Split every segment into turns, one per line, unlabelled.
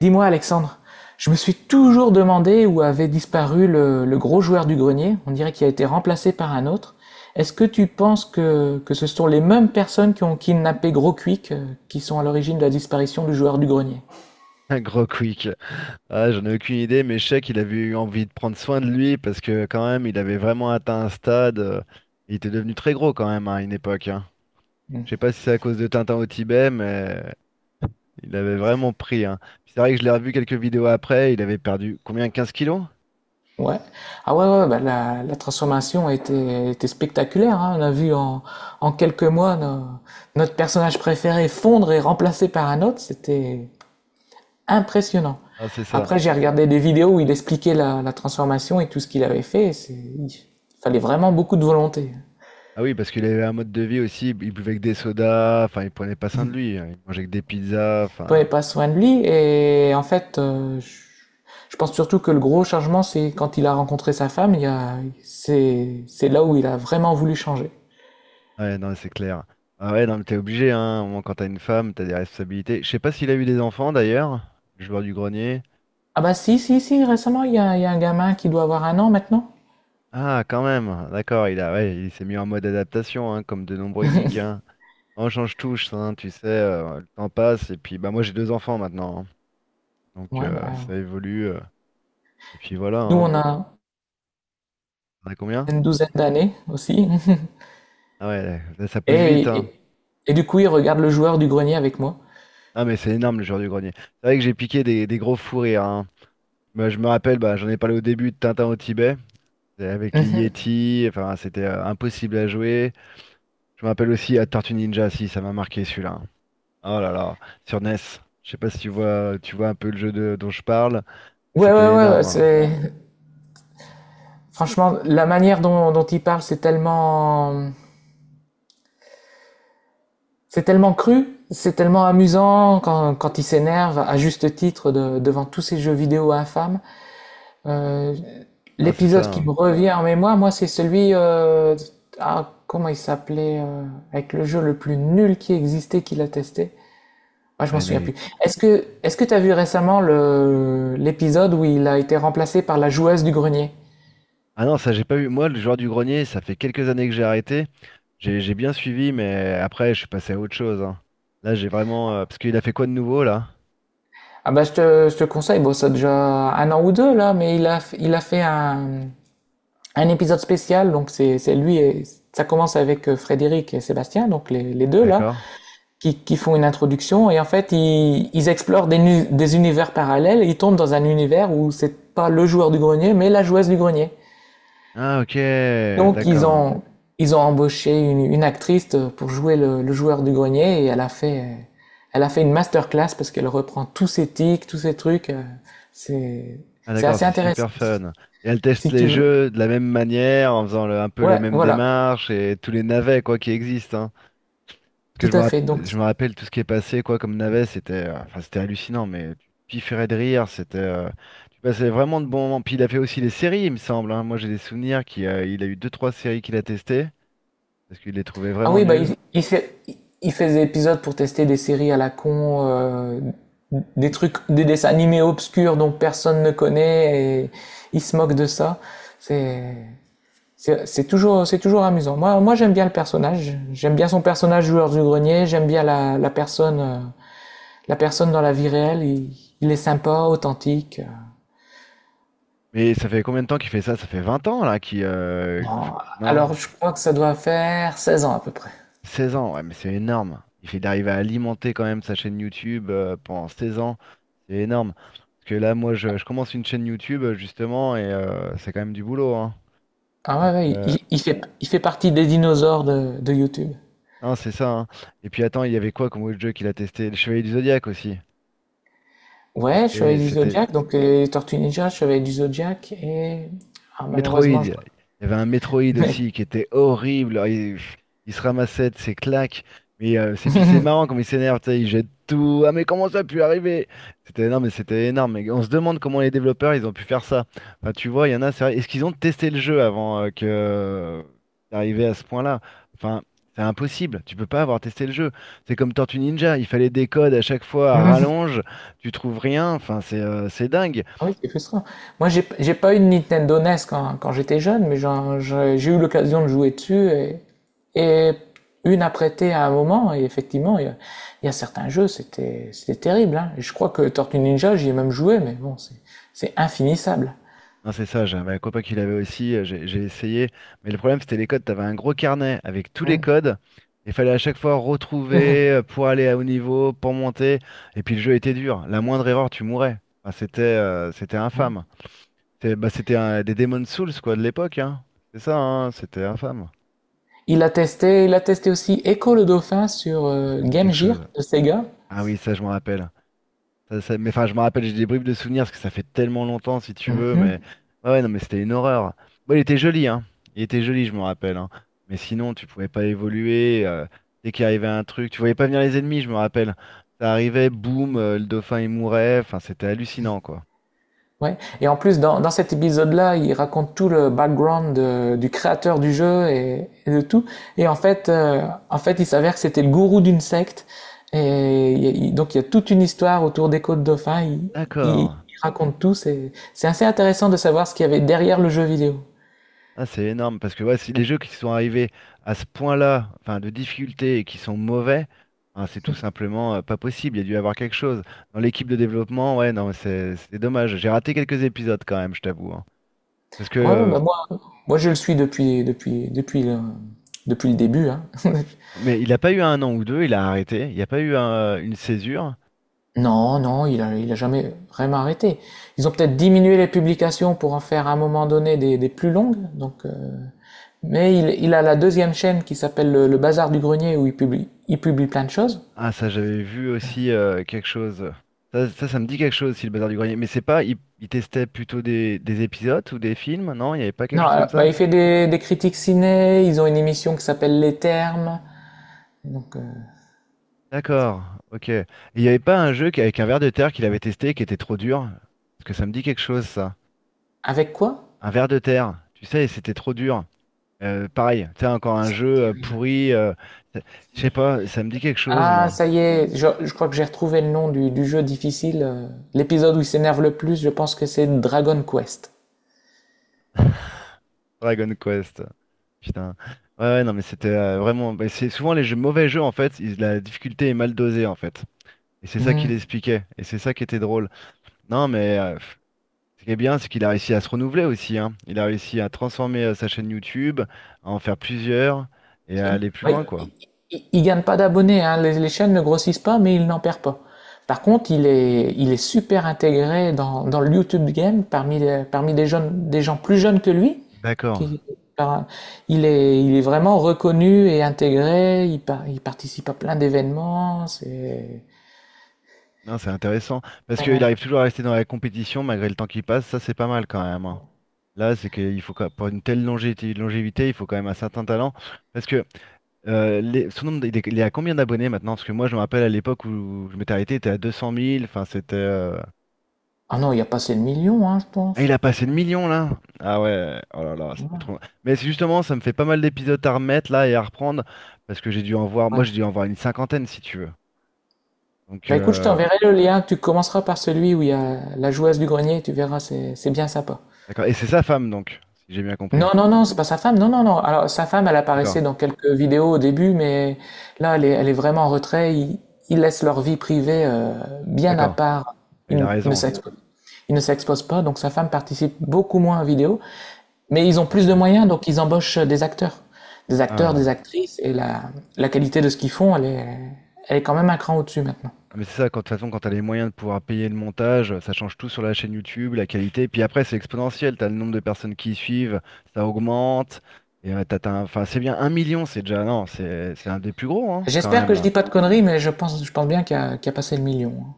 Dis-moi, Alexandre, je me suis toujours demandé où avait disparu le gros joueur du grenier. On dirait qu'il a été remplacé par un autre. Est-ce que tu penses que ce sont les mêmes personnes qui ont kidnappé Gros Quick, qui sont à l'origine de la disparition du joueur du grenier?
Un gros quick. Ah, j'en ai aucune idée, mais je sais qu'il avait eu envie de prendre soin de lui parce que quand même, il avait vraiment atteint un stade, il était devenu très gros quand même, hein, à une époque, hein. Je sais pas si c'est à cause de Tintin au Tibet, mais il avait vraiment pris, hein. Puis c'est vrai que je l'ai revu quelques vidéos après. Il avait perdu combien? 15 kilos?
Ouais. Ah ouais, ouais, bah la transformation était spectaculaire, hein. On a vu en quelques mois notre personnage préféré fondre et remplacé par un autre. C'était impressionnant.
Ah, c'est ça.
Après, j'ai regardé des vidéos où il expliquait la transformation et tout ce qu'il avait fait. Il fallait vraiment beaucoup de volonté.
Ah oui, parce qu'il avait un mode de vie aussi. Il buvait que des sodas. Enfin, il prenait pas soin de lui, hein, il mangeait que des pizzas.
Il prenait
Enfin,
pas soin de lui et en fait, je pense surtout que le gros changement, c'est quand il a rencontré sa femme. Il y a, c'est là où il a vraiment voulu changer.
ouais, non, c'est clair. Ah ouais, non, mais t'es obligé, hein. Au moins, quand t'as une femme, t'as des responsabilités. Je sais pas s'il a eu des enfants d'ailleurs, le joueur du grenier.
Ah bah si, si, si, récemment, il y a un gamin qui doit avoir un an maintenant.
Ah, quand même, d'accord, il a, ouais, il s'est mis en mode adaptation, hein, comme de nombreux geeks, hein. On change touche, hein, tu sais, le temps passe, et puis bah moi j'ai deux enfants maintenant, hein. Donc,
Ouais, bah,
ça évolue, et puis voilà,
nous,
hein.
on a
T'en as combien?
une douzaine d'années aussi.
Ah ouais, là, ça pousse vite,
Et,
hein.
et, et du coup, il regarde le joueur du grenier avec moi.
Ah mais c'est énorme le joueur du grenier. C'est vrai que j'ai piqué des gros fous rires, hein. Bah, je me rappelle, bah, j'en ai parlé au début de Tintin au Tibet. Et avec les Yeti, enfin, c'était impossible à jouer. Je me rappelle aussi à Tortue Ninja, si ça m'a marqué celui-là. Oh là là, sur NES. Je sais pas si tu vois, tu vois un peu le jeu dont je parle, mais
Ouais, ouais,
c'était
ouais, ouais,
énorme, hein.
c'est franchement la manière dont il parle, c'est tellement cru, c'est tellement amusant quand il s'énerve à juste titre devant tous ces jeux vidéo infâmes. Euh,
Ah, c'est ça,
L'épisode qui me
hein.
revient en mémoire, moi, c'est comment il s'appelait, avec le jeu le plus nul qui existait, qu'il a testé. Ah, je
Ah,
m'en
il y en a
souviens plus.
eu-
Est-ce que t'as vu récemment l'épisode où il a été remplacé par la joueuse du grenier?
ah non, ça j'ai pas eu. Moi, le joueur du grenier, ça fait quelques années que j'ai arrêté. J'ai bien suivi, mais après, je suis passé à autre chose, hein. Là, j'ai vraiment. Parce qu'il a fait quoi de nouveau là?
Ah bah je te conseille, bon ça a déjà un an ou deux là, mais il a fait un épisode spécial, donc c'est lui et ça commence avec Frédéric et Sébastien, donc les deux là,
D'accord.
qui font une introduction et en fait ils explorent des univers parallèles, ils tombent dans un univers où c'est pas le joueur du grenier, mais la joueuse du grenier.
Ah ok,
Donc ils
d'accord.
ont, ils ont embauché une actrice pour jouer le joueur du grenier et elle a fait une masterclass parce qu'elle reprend tous ses tics, tous ses trucs. C'est,
Ah
c'est
d'accord,
assez
c'est
intéressant,
super fun. Et elle teste
si
les
tu veux.
jeux de la même manière, en faisant un peu les
Ouais,
mêmes
voilà,
démarches et tous les navets quoi qui existent, hein. Parce que
tout à fait. Donc,
je me rappelle tout ce qui est passé quoi comme navet, c'était, enfin, c'était hallucinant, mais tu pifferais de rire, c'était, tu passais vraiment de bons moments. Puis il a fait aussi les séries, il me semble, hein. Moi j'ai des souvenirs qu'il a eu deux trois séries qu'il a testées parce qu'il les trouvait
ah
vraiment
oui, bah,
nulles.
il fait des épisodes pour tester des séries à la con, des trucs, des dessins animés obscurs dont personne ne connaît et il se moque de ça. C'est, c'est toujours amusant. Moi, j'aime bien le personnage. J'aime bien son personnage joueur du grenier. J'aime bien la personne dans la vie réelle. Il est sympa, authentique.
Mais ça fait combien de temps qu'il fait ça? Ça fait 20 ans là qui
Non,
non?
alors je crois que ça doit faire 16 ans à peu près.
16 ans, ouais, mais c'est énorme. Il fait d'arriver à alimenter quand même sa chaîne YouTube pendant 16 ans, c'est énorme. Parce que là, moi, je commence une chaîne YouTube justement et c'est quand même du boulot, hein.
Ah ouais,
Donc,
ouais, il fait partie des dinosaures de YouTube.
non, c'est ça, hein. Et puis attends, il y avait quoi comme autre jeu qu'il a testé? Le Chevalier du Zodiaque aussi. Ça,
Ouais, je Chevalier
C'était,
du
c'était,
Zodiac, donc les Tortues Ninja, Chevalier du Zodiac et ah,
Metroid,
malheureusement,
il
je...
y avait un Metroid aussi qui était horrible. Alors, il se ramassait de ses claques. Mais c'est puis c'est marrant comme il s'énerve, tu sais, il jette tout. Ah mais comment ça a pu arriver? C'était non mais c'était énorme. Et on se demande comment les développeurs ils ont pu faire ça. Enfin, tu vois, il y en a, c'est vrai. Est-ce qu'ils ont testé le jeu avant que d'arriver à ce point-là? Enfin, c'est impossible. Tu peux pas avoir testé le jeu. C'est comme Tortue Ninja, il fallait des codes à chaque fois à
mais
rallonge. Tu trouves rien. Enfin, c'est dingue.
ah oui, c'est frustrant. Moi, j'ai pas eu de Nintendo NES quand j'étais jeune, mais j'ai eu l'occasion de jouer dessus et une à prêter à un moment. Et effectivement, il y a certains jeux, c'était terrible. Hein. Et je crois que Tortue Ninja, j'y ai même joué, mais bon, c'est infinissable.
Non, c'est ça, j'avais un copain qui l'avait aussi, j'ai essayé. Mais le problème, c'était les codes. Tu avais un gros carnet avec tous les
Hmm.
codes. Il fallait à chaque fois retrouver pour aller à haut niveau, pour monter. Et puis le jeu était dur. La moindre erreur, tu mourais. Enfin, c'était
Ouais.
infâme. Bah, des Demon's Souls, quoi, de l'époque, hein. C'est ça, hein, c'était infâme.
Il a testé aussi Echo le Dauphin sur
Ah, ça me dit
Game
quelque
Gear
chose.
de Sega.
Ah oui, ça, je m'en rappelle. Mais enfin, je me rappelle, j'ai des bribes de souvenirs parce que ça fait tellement longtemps, si tu veux.
Mhm.
Mais ouais, ouais, non, mais c'était une horreur. Bon, il était joli, hein. Il était joli, je me rappelle, hein. Mais sinon, tu pouvais pas évoluer. Dès qu'il arrivait un truc, tu voyais pas venir les ennemis, je me rappelle. Ça arrivait, boum, le dauphin il mourait. Enfin, c'était hallucinant, quoi.
Ouais, et en plus dans cet épisode-là, il raconte tout le background du créateur du jeu et de tout. Et en fait, euh, En fait, il s'avère que c'était le gourou d'une secte. Et il y a- il- Donc il y a toute une histoire autour des Côtes Dauphins.
D'accord.
Il raconte tout. C'est assez intéressant de savoir ce qu'il y avait derrière le jeu vidéo.
Ah, c'est énorme parce que ouais, si les jeux qui sont arrivés à ce point-là, enfin de difficulté et qui sont mauvais, hein, c'est tout simplement pas possible. Il y a dû y avoir quelque chose. Dans l'équipe de développement, ouais, non, mais c'est dommage. J'ai raté quelques épisodes quand même, je t'avoue, hein. Parce que,
Ouais, ouais, bah moi, moi je le suis depuis le début, hein.
mais il n'a pas eu un an ou deux, il a arrêté. Il n'y a pas eu une césure.
Non, non, il a jamais vraiment arrêté. Ils ont peut-être diminué les publications pour en faire à un moment donné des plus longues. Donc, il a la deuxième chaîne qui s'appelle le Bazar du Grenier où il publie plein de choses.
Ah, ça, j'avais vu aussi quelque chose. Ça me dit quelque chose, si le bazar du grenier. Mais c'est pas, il testait plutôt des, épisodes ou des films, non? Il n'y avait pas quelque
Non,
chose comme
alors, bah,
ça?
il fait des critiques ciné. Ils ont une émission qui s'appelle Les Termes. Donc,
D'accord, ok. Et il n'y avait pas un jeu avec un ver de terre qu'il avait testé qui était trop dur? Parce que ça me dit quelque chose, ça.
avec quoi?
Un ver de terre, tu sais, c'était trop dur. Pareil, tu sais, encore un
Ça me
jeu
dit rien.
pourri. Ça- je sais pas, ça me dit quelque chose,
Ah,
moi.
ça y est, je crois que j'ai retrouvé le nom du jeu difficile. L'épisode où il s'énerve le plus, je pense que c'est Dragon Quest.
Dragon Quest. Putain. Ouais, ouais, non, mais c'était vraiment. Bah, c'est souvent les jeux, mauvais jeux, en fait, la difficulté est mal dosée, en fait. Et c'est ça qu'il
Mhm.
expliquait. Et c'est ça qui était drôle. Non, mais. Ce qui est bien, c'est qu'il a réussi à se renouveler aussi, hein. Il a réussi à transformer sa chaîne YouTube, à en faire plusieurs et à
Ok.
aller plus
Bah,
loin, quoi.
il il gagne pas d'abonnés, hein. Les chaînes ne grossissent pas, mais il n'en perd pas. Par contre, il est super intégré dans le YouTube game parmi parmi des jeunes, des gens plus jeunes que lui.
D'accord.
qui- par- il est vraiment reconnu et intégré. Il participe à plein d'événements. C'est
Non, c'est intéressant. Parce
pas
qu'il
mal.
arrive toujours à rester dans la compétition malgré le temps qui passe. Ça, c'est pas mal quand même, hein. Là, c'est qu'il faut pour une telle longévité, longévité, il faut quand même un certain talent. Parce que son nombre, il est à combien d'abonnés maintenant? Parce que moi, je me rappelle à l'époque où je m'étais arrêté, il était à 200 000. Enfin, c'était.
Ah non, il a passé le million, hein, je
Ah, il
pense.
a passé le million là? Ah ouais, oh là là, ça fait
Ouais.
trop. Mais c'est justement, ça me fait pas mal d'épisodes à remettre là et à reprendre parce que j'ai dû en voir, moi
Ouais.
j'ai dû en voir une cinquantaine si tu veux. Donc,
Bah écoute, je t'enverrai le lien. Tu commenceras par celui où il y a la joueuse du grenier. Tu verras, c'est bien sympa.
d'accord. Et c'est sa femme donc, si j'ai bien compris.
Non, non, non, c'est pas sa femme. Non, non, non. Alors, sa femme, elle
D'accord,
apparaissait dans quelques vidéos au début, mais là, elle est vraiment en retrait. Ils laissent leur vie privée bien à
d'accord.
part.
Ah,
Ils
il a
n- ne
raison.
s'exposent, Ils ne s'exposent pas, donc sa femme participe beaucoup moins aux vidéos. Mais ils ont plus
Ok.
de moyens, donc ils embauchent des acteurs. Des acteurs, des
Ah,
actrices, et la qualité de ce qu'ils font, elle est quand même un cran au-dessus maintenant.
ah, mais c'est ça, quand, de toute façon, quand t'as les moyens de pouvoir payer le montage, ça change tout sur la chaîne YouTube, la qualité. Puis après, c'est exponentiel. T'as le nombre de personnes qui y suivent, ça augmente. Et t'as enfin, c'est bien un million, c'est déjà, non, c'est un des plus gros hein, quand
J'espère
même
que je
là.
dis pas de conneries, mais je pense bien qu'il y a passé le million.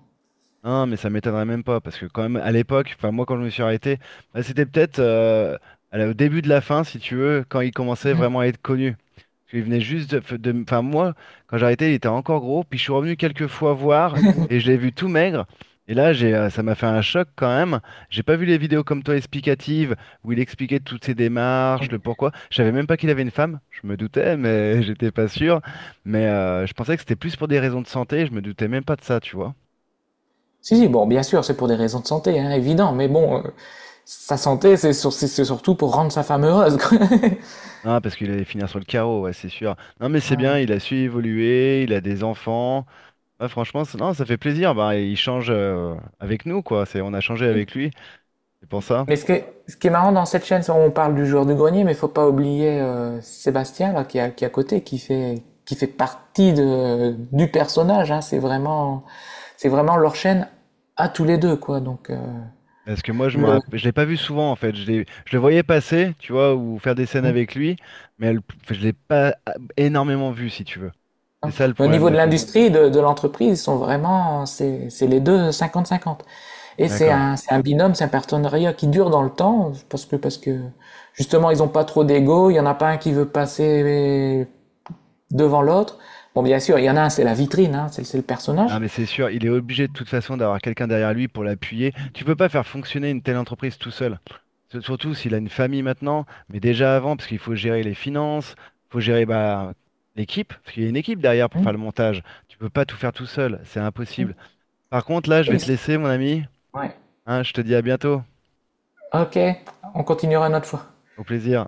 Non, mais ça m'étonnerait même pas, parce que quand même, à l'époque, enfin moi quand je me suis arrêté, bah, c'était peut-être au début de la fin, si tu veux, quand il commençait
Hein. Mhm.
vraiment à être connu. Parce qu'il venait juste. Enfin moi, quand j'ai arrêté, il était encore gros, puis je suis revenu quelques fois voir, et je l'ai vu tout maigre. Et là, ça m'a fait un choc quand même. J'ai pas vu les vidéos comme toi explicatives, où il expliquait toutes ses démarches, le pourquoi. Je savais même pas qu'il avait une femme, je me doutais, mais j'étais pas sûr. Mais je pensais que c'était plus pour des raisons de santé, je me doutais même pas de ça, tu vois.
Si, si, bon, bien sûr, c'est pour des raisons de santé, hein, évident, mais bon, sa santé, c'est sur- c'est surtout pour rendre sa femme heureuse, quoi.
Ah, parce qu'il allait finir sur le carreau, ouais, c'est sûr. Non, mais c'est bien,
Ouais.
il a su évoluer, il a des enfants. Ouais, franchement, non, ça fait plaisir. Bah, il change avec nous, quoi. C'est, on a changé
Et
avec lui, c'est pour ça.
mais ce qui est marrant dans cette chaîne, c'est on parle du joueur du grenier, mais faut pas oublier Sébastien, là, qui est à côté, qui fait partie du personnage. Hein. C'est vraiment leur chaîne à tous les deux, quoi. Donc,
Parce que moi,
le,
je l'ai pas vu souvent, en fait. Je le voyais passer, tu vois, ou faire des scènes
Hmm.
avec lui, mais elle- je l'ai pas ah, énormément vu, si tu veux. C'est
Non.
ça le
Mais au
problème
niveau
de
de
fond.
l'industrie, de l'entreprise, ils sont vraiment, c'est les deux 50-50. Et c'est
D'accord.
c'est un binôme, c'est un partenariat qui dure dans le temps, parce que justement, ils n'ont pas trop d'ego, il y en a pas un qui veut passer devant l'autre. Bon, bien sûr, il y en a un, c'est la vitrine, hein, c'est le
Non,
personnage.
mais c'est sûr, il est obligé de toute façon d'avoir quelqu'un derrière lui pour l'appuyer. Tu peux pas faire fonctionner une telle entreprise tout seul. Surtout s'il a une famille maintenant, mais déjà avant, parce qu'il faut gérer les finances, faut gérer bah, l'équipe, parce qu'il y a une équipe derrière pour
Hmm.
faire le montage. Tu peux pas tout faire tout seul, c'est impossible. Par contre, là, je vais te
Ils-
laisser, mon ami.
Ouais.
Hein, je te dis à bientôt.
Ok, on continuera une autre fois.
Au plaisir.